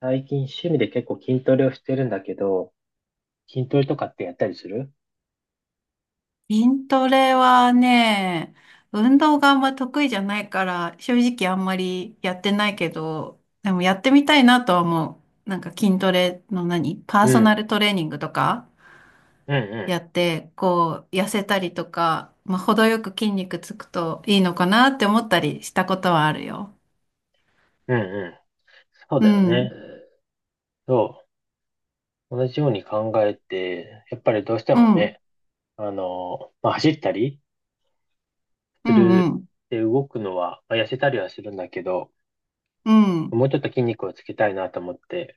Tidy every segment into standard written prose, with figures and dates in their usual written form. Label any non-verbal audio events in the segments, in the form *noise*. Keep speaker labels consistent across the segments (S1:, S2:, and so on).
S1: 最近趣味で結構筋トレをしてるんだけど、筋トレとかってやったりする？
S2: 筋トレはね、運動があんま得意じゃないから、正直あんまりやってないけど、でもやってみたいなとは思う。なんか筋トレのパー
S1: う
S2: ソナ
S1: ん、
S2: ルトレーニングとか
S1: うん、
S2: や
S1: う
S2: って、こう、痩せたりとか、まあ、程よく筋肉つくといいのかなって思ったりしたことはあるよ。
S1: ん、うん、うん。そう
S2: う
S1: だよね。
S2: ん、
S1: そう。同じように考えて、やっぱりどうして
S2: う
S1: も
S2: ん、うん、
S1: ね、まあ、走ったり
S2: う
S1: する、
S2: ん、
S1: で、動くのは、まあ、痩せたりはするんだけど、
S2: うん、
S1: もうちょっと筋肉をつけたいなと思って、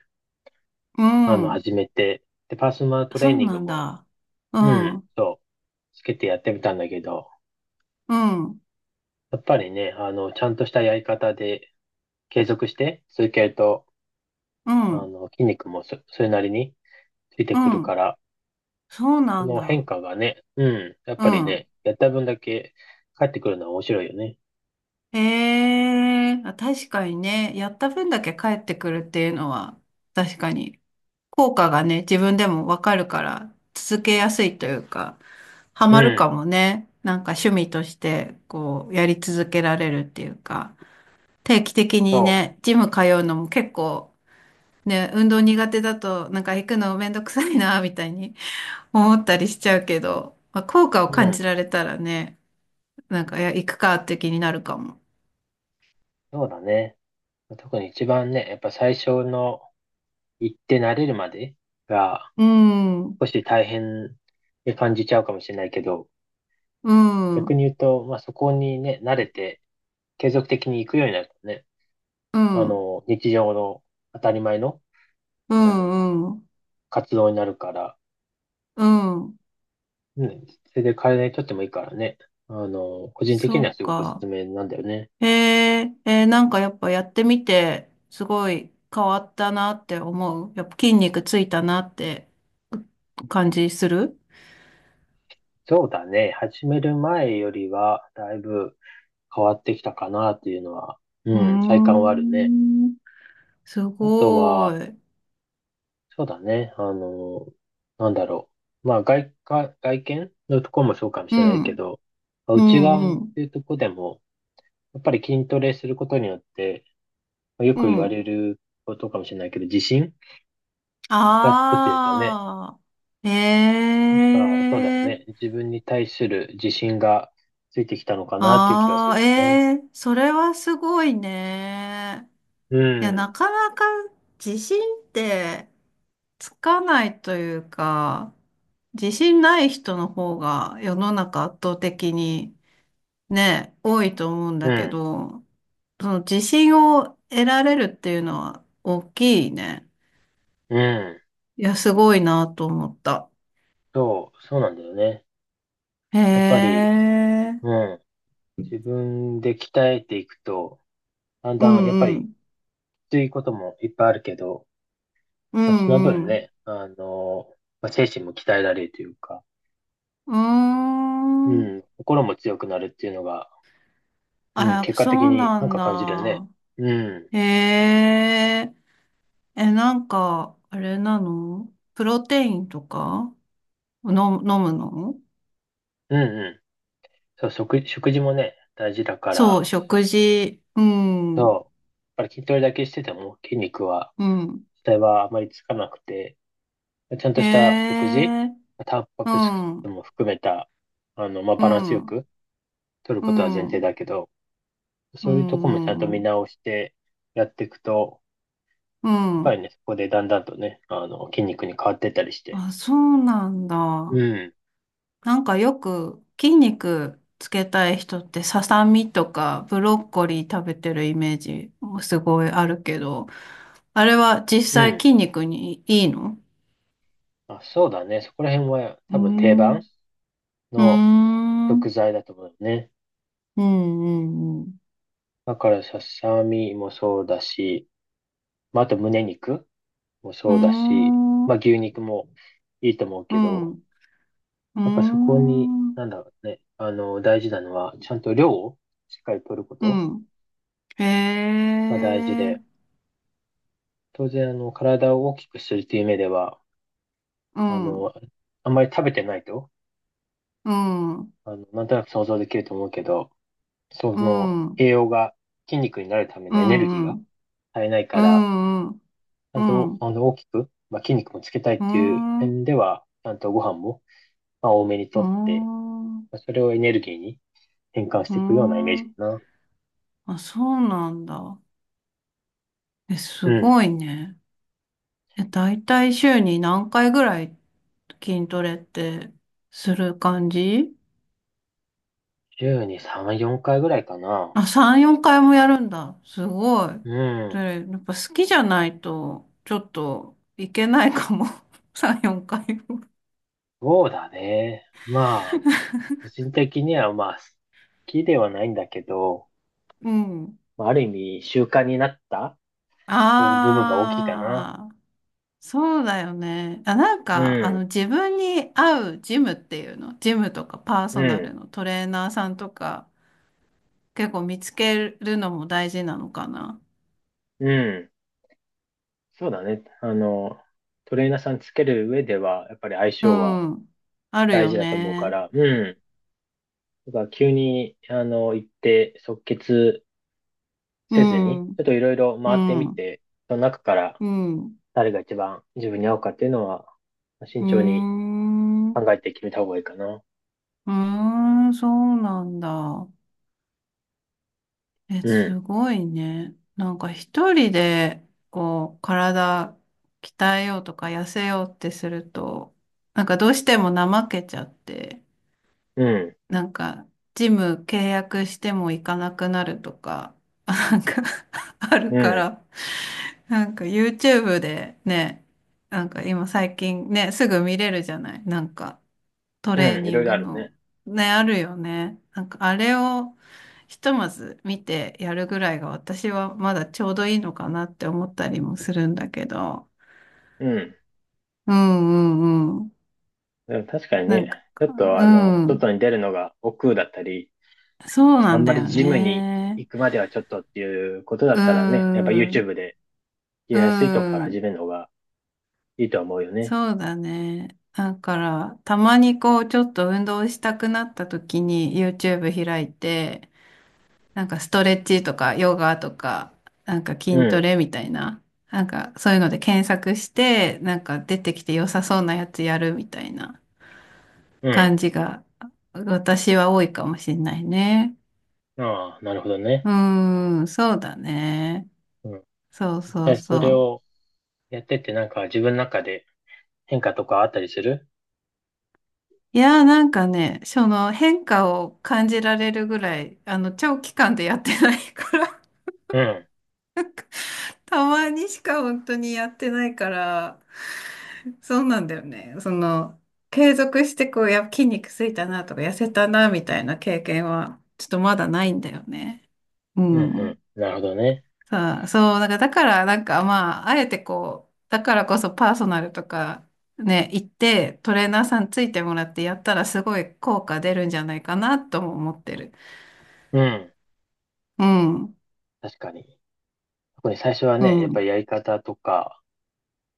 S2: うん。
S1: 始めて、で、パーソナルト
S2: そ
S1: レー
S2: う
S1: ニング
S2: なん
S1: も、
S2: だ。う
S1: う
S2: ん、う
S1: ん、
S2: ん、
S1: そう、つけてやってみたんだけど、やっぱりね、ちゃんとしたやり方で継続して続けると、
S2: うん、
S1: 筋肉もそ、それなりについて
S2: う
S1: くるか
S2: ん。
S1: ら、
S2: そう
S1: そ
S2: なん
S1: の
S2: だ。
S1: 変化がね、うん、やっ
S2: う
S1: ぱり
S2: ん。
S1: ね、やった分だけ返ってくるのは面白いよね。
S2: え確かにね、やった分だけ返ってくるっていうのは、確かに、効果がね、自分でもわかるから、続けやすいというか、ハ
S1: う
S2: マる
S1: ん、
S2: かもね。なんか趣味として、こう、やり続けられるっていうか、定期的に
S1: そ
S2: ね、ジム通うのも結構、ね、運動苦手だと、なんか行くのめんどくさいな、みたいに *laughs* 思ったりしちゃうけど、まあ、効果を
S1: う、う
S2: 感
S1: ん、
S2: じられたらね、なんか、いや、行くかって気になるかも。
S1: そうだね。特に一番ね、やっぱ最初の行って慣れるまでが
S2: うん。
S1: 少し大変に感じちゃうかもしれないけど、
S2: うん、う
S1: 逆
S2: ん、
S1: に言うと、まあそこにね、慣れて継続的に行くようになるとね、
S2: うん、
S1: 日常の当たり前の、
S2: う
S1: あの、
S2: ん、
S1: 活動になるから、
S2: うん。
S1: ね、それで体にとってもいいからね。個人的
S2: そ
S1: には
S2: う
S1: すごくおすす
S2: か。
S1: めなんだよね。
S2: へえ、えーなんかやっぱやってみて、すごい変わったなって思う。やっぱ筋肉ついたなって感じする。
S1: そうだね。始める前よりは、だいぶ変わってきたかなっていうのは、
S2: うー
S1: うん、体感はあるね。
S2: ん、す
S1: あと
S2: ご
S1: は、
S2: い。
S1: そうだね。あの、なんだろう。まあ、外見のところもそうかも
S2: う
S1: しれないけ
S2: ん、
S1: ど、まあ
S2: う
S1: 内側
S2: ん、
S1: っ
S2: うん、
S1: ていうところでも、やっぱり筋トレすることによって、まあよ
S2: う
S1: く言わ
S2: ん。
S1: れることかもしれないけど、自信がつくっていうかね。
S2: ああ、え
S1: ああ、そうだよね。
S2: え、
S1: 自分に対する自信がついてきたのかなっていう気がす
S2: ああ、え
S1: るよね。
S2: え、それはすごいね。
S1: う
S2: いや、な
S1: ん、
S2: かなか自信ってつかないというか、自信ない人の方が世の中圧倒的にね、多いと思うんだ
S1: う
S2: け
S1: ん、
S2: ど、その自信を得られるっていうのは大きいね。
S1: うん。
S2: いや、すごいなと思った。
S1: そう、そうなんだよね。
S2: へ
S1: やっぱり、
S2: え。
S1: うん。自分で鍛えていくと、だん
S2: う
S1: だん、やっぱ
S2: んう
S1: り、き
S2: ん。
S1: ついこともいっぱいあるけど、
S2: う
S1: まあ、その
S2: ん
S1: 分
S2: うん。
S1: ね、精神も鍛えられるというか、
S2: うー
S1: う
S2: ん。
S1: ん、心も強くなるっていうのが、
S2: あ、
S1: うん、
S2: やっ
S1: 結
S2: ぱ
S1: 果的
S2: そう
S1: に
S2: な
S1: なん
S2: ん
S1: か感じるね。
S2: だ。
S1: うん、
S2: へえ。え、なんか、あれなのプロテインとかの、飲むの。
S1: うん、うん。食事もね、大事だか
S2: そう、
S1: ら、
S2: 食事。うん、う
S1: そう。やっぱり筋トレだけしてても筋肉は、
S2: ん。
S1: 実際はあまりつかなくて、ちゃん
S2: へ
S1: とした食事、
S2: え、
S1: タンパ
S2: う
S1: ク質
S2: ん、うん、
S1: も含めた、まあ、
S2: う
S1: バランスよ
S2: ん、
S1: く取る
S2: う
S1: ことは前提
S2: ん、
S1: だけど、
S2: う
S1: そういうとこもちゃんと
S2: ん、う
S1: 見
S2: ん。
S1: 直してやっていくと、
S2: う
S1: やっぱ
S2: ん、
S1: りね、そこでだんだんとね、筋肉に変わってったりして。
S2: あ、そうなん
S1: う
S2: だ。
S1: ん、
S2: なんかよく筋肉つけたい人ってささみとかブロッコリー食べてるイメージすごいあるけど、あれは実
S1: う
S2: 際
S1: ん。
S2: 筋肉にいいの？
S1: あ、そうだね。そこら辺は
S2: うー
S1: 多分定番
S2: ん、うー
S1: の
S2: ん、
S1: 食
S2: う
S1: 材だと思うよね。
S2: ん、うん、
S1: だからささみもそうだし、まあ、あと胸肉。も
S2: う
S1: そうだし、
S2: ん。う
S1: まあ牛肉もいいと思う
S2: ー
S1: け
S2: ん、う
S1: ど、
S2: ん、うー
S1: やっぱそこに、
S2: ん、
S1: なんだろうね、大事なのは、ちゃんと量をしっかり取るこ
S2: う
S1: と
S2: ん。へ
S1: が大事
S2: え、
S1: で、当然、体を大きくするという目では、
S2: う
S1: あ
S2: ん、う
S1: の、あんまり食べてないと、
S2: ん、うん、
S1: なんとなく想像できると思うけど、そ
S2: う
S1: の
S2: ん、
S1: 栄養が筋肉になるため
S2: う
S1: のエネルギー
S2: ん、う
S1: が
S2: ん、
S1: 足りないか
S2: う
S1: ら、
S2: ん、
S1: ちゃ
S2: う
S1: んと、
S2: ん、
S1: 大きく、まあ、筋肉もつけたい
S2: う
S1: っていう
S2: ん、
S1: 点では、ちゃんとご飯も、まあ、多めに
S2: う
S1: とって、
S2: ん、
S1: まあそれをエネルギーに、変換し
S2: う
S1: ていくようなイメージか
S2: ん。
S1: な。
S2: あ、そうなんだ。え、
S1: う
S2: す
S1: ん。
S2: ごいね。え、だいたい週に何回ぐらい筋トレってする感じ？
S1: 週に3、4回ぐらいかな。
S2: あ、3、4回もやるんだ。すごい。
S1: うん。
S2: で、やっぱ好きじゃないと、ちょっといけないかも。*laughs* 3、4回も。
S1: そうだね。まあ、個人的にはまあ、好きではないんだけど、
S2: うん。
S1: まあある意味習慣になったという部分が大きいかな。
S2: ああ、そうだよね。あ、なん
S1: う
S2: か、あの、
S1: ん、
S2: 自分に合うジムっていうの、ジムとかパー
S1: う
S2: ソナ
S1: ん、
S2: ルのトレーナーさんとか、結構見つけるのも大事なのかな。
S1: うん。そうだね。トレーナーさんつける上では、やっぱり相
S2: う
S1: 性は
S2: ん。ある
S1: 大
S2: よ
S1: 事だと思うか
S2: ね。
S1: ら、うん。だから急に、行って即決
S2: う
S1: せずに、ち
S2: ん。
S1: ょっといろいろ
S2: う
S1: 回ってみ
S2: ん。
S1: て、その中から
S2: うん。
S1: 誰が一番自分に合うかっていうのは、
S2: う
S1: 慎
S2: ー
S1: 重に
S2: ん。
S1: 考えて決めた方がいいかな。
S2: うーん、そうなんだ。え、
S1: うん、
S2: すごいね。なんか一人で、こう、体鍛えようとか痩せようってすると、なんかどうしても怠けちゃって、
S1: うん、
S2: なんか、ジム契約しても行かなくなるとか、*laughs* なんか *laughs* ある
S1: う
S2: か
S1: ん、
S2: ら、なんか YouTube でね、なんか今最近ね、すぐ見れるじゃない。なんか、ト
S1: う
S2: レー
S1: ん、い
S2: ニ
S1: ろ
S2: ン
S1: いろあ
S2: グ
S1: る
S2: の、
S1: ね。
S2: ね、あるよね。なんかあれをひとまず見てやるぐらいが私はまだちょうどいいのかなって思ったりもするんだけど。
S1: うん。
S2: うんうんうん。
S1: でも確かに
S2: な
S1: ね、
S2: んか、
S1: ちょっと
S2: う
S1: あの、
S2: ん。
S1: 外に出るのが億劫だったり、
S2: そうな
S1: あん
S2: ん
S1: ま
S2: だ
S1: り
S2: よ
S1: ジムに
S2: ね。
S1: 行くまではちょっとっていうことだ
S2: う
S1: ったらね、やっぱ
S2: ん。
S1: YouTube で
S2: う
S1: やりやすいとこから始
S2: ん。
S1: めるのがいいとは思うよね。
S2: そうだね。だから、たまにこう、ちょっと運動したくなった時に YouTube 開いて、なんかストレッチとかヨガとか、なんか
S1: う
S2: 筋ト
S1: ん、
S2: レみたいな、なんかそういうので検索して、なんか出てきて良さそうなやつやるみたいな
S1: うん。
S2: 感じが私は多いかもしれないね。
S1: ああ、なるほどね。
S2: うーん、そうだね。
S1: うん。
S2: そう
S1: 実
S2: そう
S1: 際それ
S2: そう。
S1: をやってってなんか自分の中で変化とかあったりする？
S2: いやーなんかね、その変化を感じられるぐらい、あの長期間でやってないから、
S1: うん、
S2: *laughs* たまにしか本当にやってないから、そうなんだよね。その、継続してこう、筋肉ついたなとか、痩せたなみたいな経験は、ちょっとまだないんだよね。う
S1: うん、う
S2: ん。
S1: ん。なるほどね。
S2: さあ、そう、なんか、だから、なんか、まあ、あえてこう、だからこそパーソナルとか、ね、行って、トレーナーさんついてもらってやったら、すごい効果出るんじゃないかな、とも思ってる。
S1: うん。
S2: うん、
S1: 確かに。特に最初は
S2: う
S1: ね、やっぱり
S2: ん、
S1: やり方とか、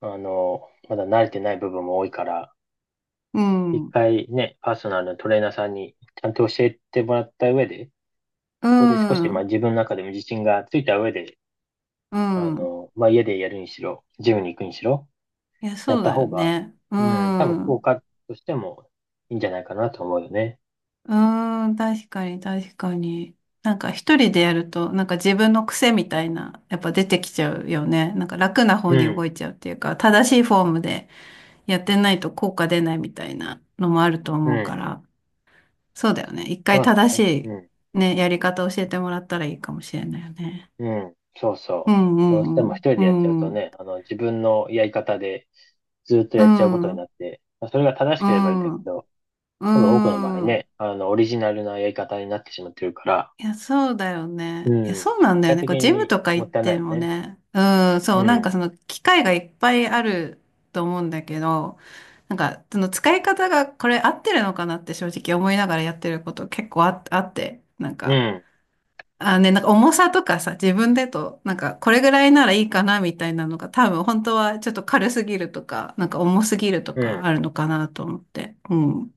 S1: まだ慣れてない部分も多いから、
S2: う
S1: 一
S2: ん、
S1: 回ね、パーソナルのトレーナーさんにちゃんと教えてもらった上で、
S2: う
S1: そこで少し、まあ
S2: ん、
S1: 自分の中でも自信がついた上で、
S2: うん。
S1: まあ家でやるにしろ、ジムに行くにしろ、
S2: いや、
S1: やっ
S2: そう
S1: た
S2: だよ
S1: 方が、
S2: ね。う
S1: うん、多分効
S2: ん。
S1: 果としてもいいんじゃないかなと思うよね。
S2: うーん、確かに、確かに。なんか一人でやると、なんか自分の癖みたいな、やっぱ出てきちゃうよね。なんか楽な方
S1: う
S2: に
S1: ん、
S2: 動いちゃうっていうか、正しいフォームでやってないと効果出ないみたいなのもあると
S1: う
S2: 思うか
S1: ん。
S2: ら、そうだよね。一
S1: そ
S2: 回
S1: うだ
S2: 正
S1: ね。う
S2: し
S1: ん。
S2: いね、やり方教えてもらったらいいかもしれないよね。
S1: うん、そう
S2: う
S1: そう。
S2: ん、う
S1: どうしても一
S2: ん、
S1: 人
S2: う
S1: でやっちゃうと
S2: ん、う
S1: ね、自分のやり方でずっと
S2: ん、
S1: やっちゃうこと
S2: う
S1: になっ
S2: ん、
S1: て、まあ、それが正し
S2: う
S1: ければいいんだけ
S2: ん、
S1: ど、多分多くの場合
S2: うん。
S1: ね、オリジナルなやり方になってしまってるから、
S2: いや、そうだよ
S1: う
S2: ね。いや、
S1: ん、結
S2: そうなんだよ
S1: 果
S2: ね。
S1: 的
S2: こう、ジム
S1: に
S2: とか
S1: も
S2: 行
S1: っ
S2: っ
S1: たいない
S2: て
S1: よ
S2: も
S1: ね。
S2: ね。うん、そ
S1: う
S2: う、なんか
S1: ん、
S2: その機械がいっぱいあると思うんだけど、なんか、その使い方がこれ合ってるのかなって正直思いながらやってること結構あって、なん
S1: う
S2: か、
S1: ん、
S2: あね、なんか重さとかさ、自分でと、なんかこれぐらいならいいかなみたいなのが多分本当はちょっと軽すぎるとか、なんか重すぎると
S1: う
S2: か
S1: ん、
S2: あるのかなと思って。うん。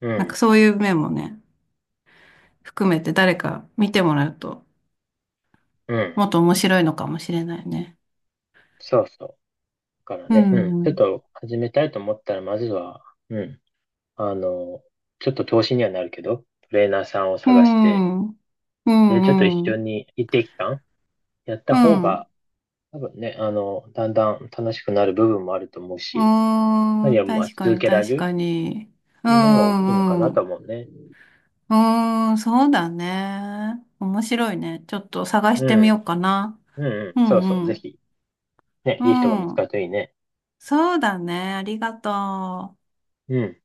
S1: う
S2: なんか
S1: ん、
S2: そういう面もね、含めて誰か見てもらうと、
S1: うん。
S2: もっと面白いのかもしれないね。
S1: そうそう。だから
S2: う
S1: ね、うん、
S2: ん、う
S1: ちょっ
S2: ん、
S1: と始めたいと思ったら、まずは、うん、あの、ちょっと投資にはなるけど、トレーナーさんを
S2: う
S1: 探して、
S2: ん、う
S1: で、ちょっと一
S2: ん、う
S1: 緒
S2: ん、
S1: に一定期間やった
S2: う
S1: 方
S2: ん、
S1: が、多分ね、だんだん楽しくなる部分もあると思うし、
S2: う
S1: 何は
S2: ん、
S1: りまあ
S2: 確か
S1: 続
S2: に、
S1: けら
S2: 確
S1: れる
S2: かに。
S1: っ
S2: うん、
S1: て
S2: う
S1: いう面は大きいのか
S2: ん、う
S1: な
S2: ん、
S1: と
S2: う
S1: 思うね。
S2: ーん、そうだね。面白いね。ちょっと探し
S1: う
S2: てみ
S1: ん。
S2: ようかな。
S1: うんうん。
S2: う
S1: そうそ
S2: ん、
S1: う。
S2: う
S1: ぜ
S2: ん、
S1: ひ、ね、
S2: う
S1: いい人が見つかる
S2: ん。
S1: といいね。
S2: そうだね。ありがとう。
S1: うん。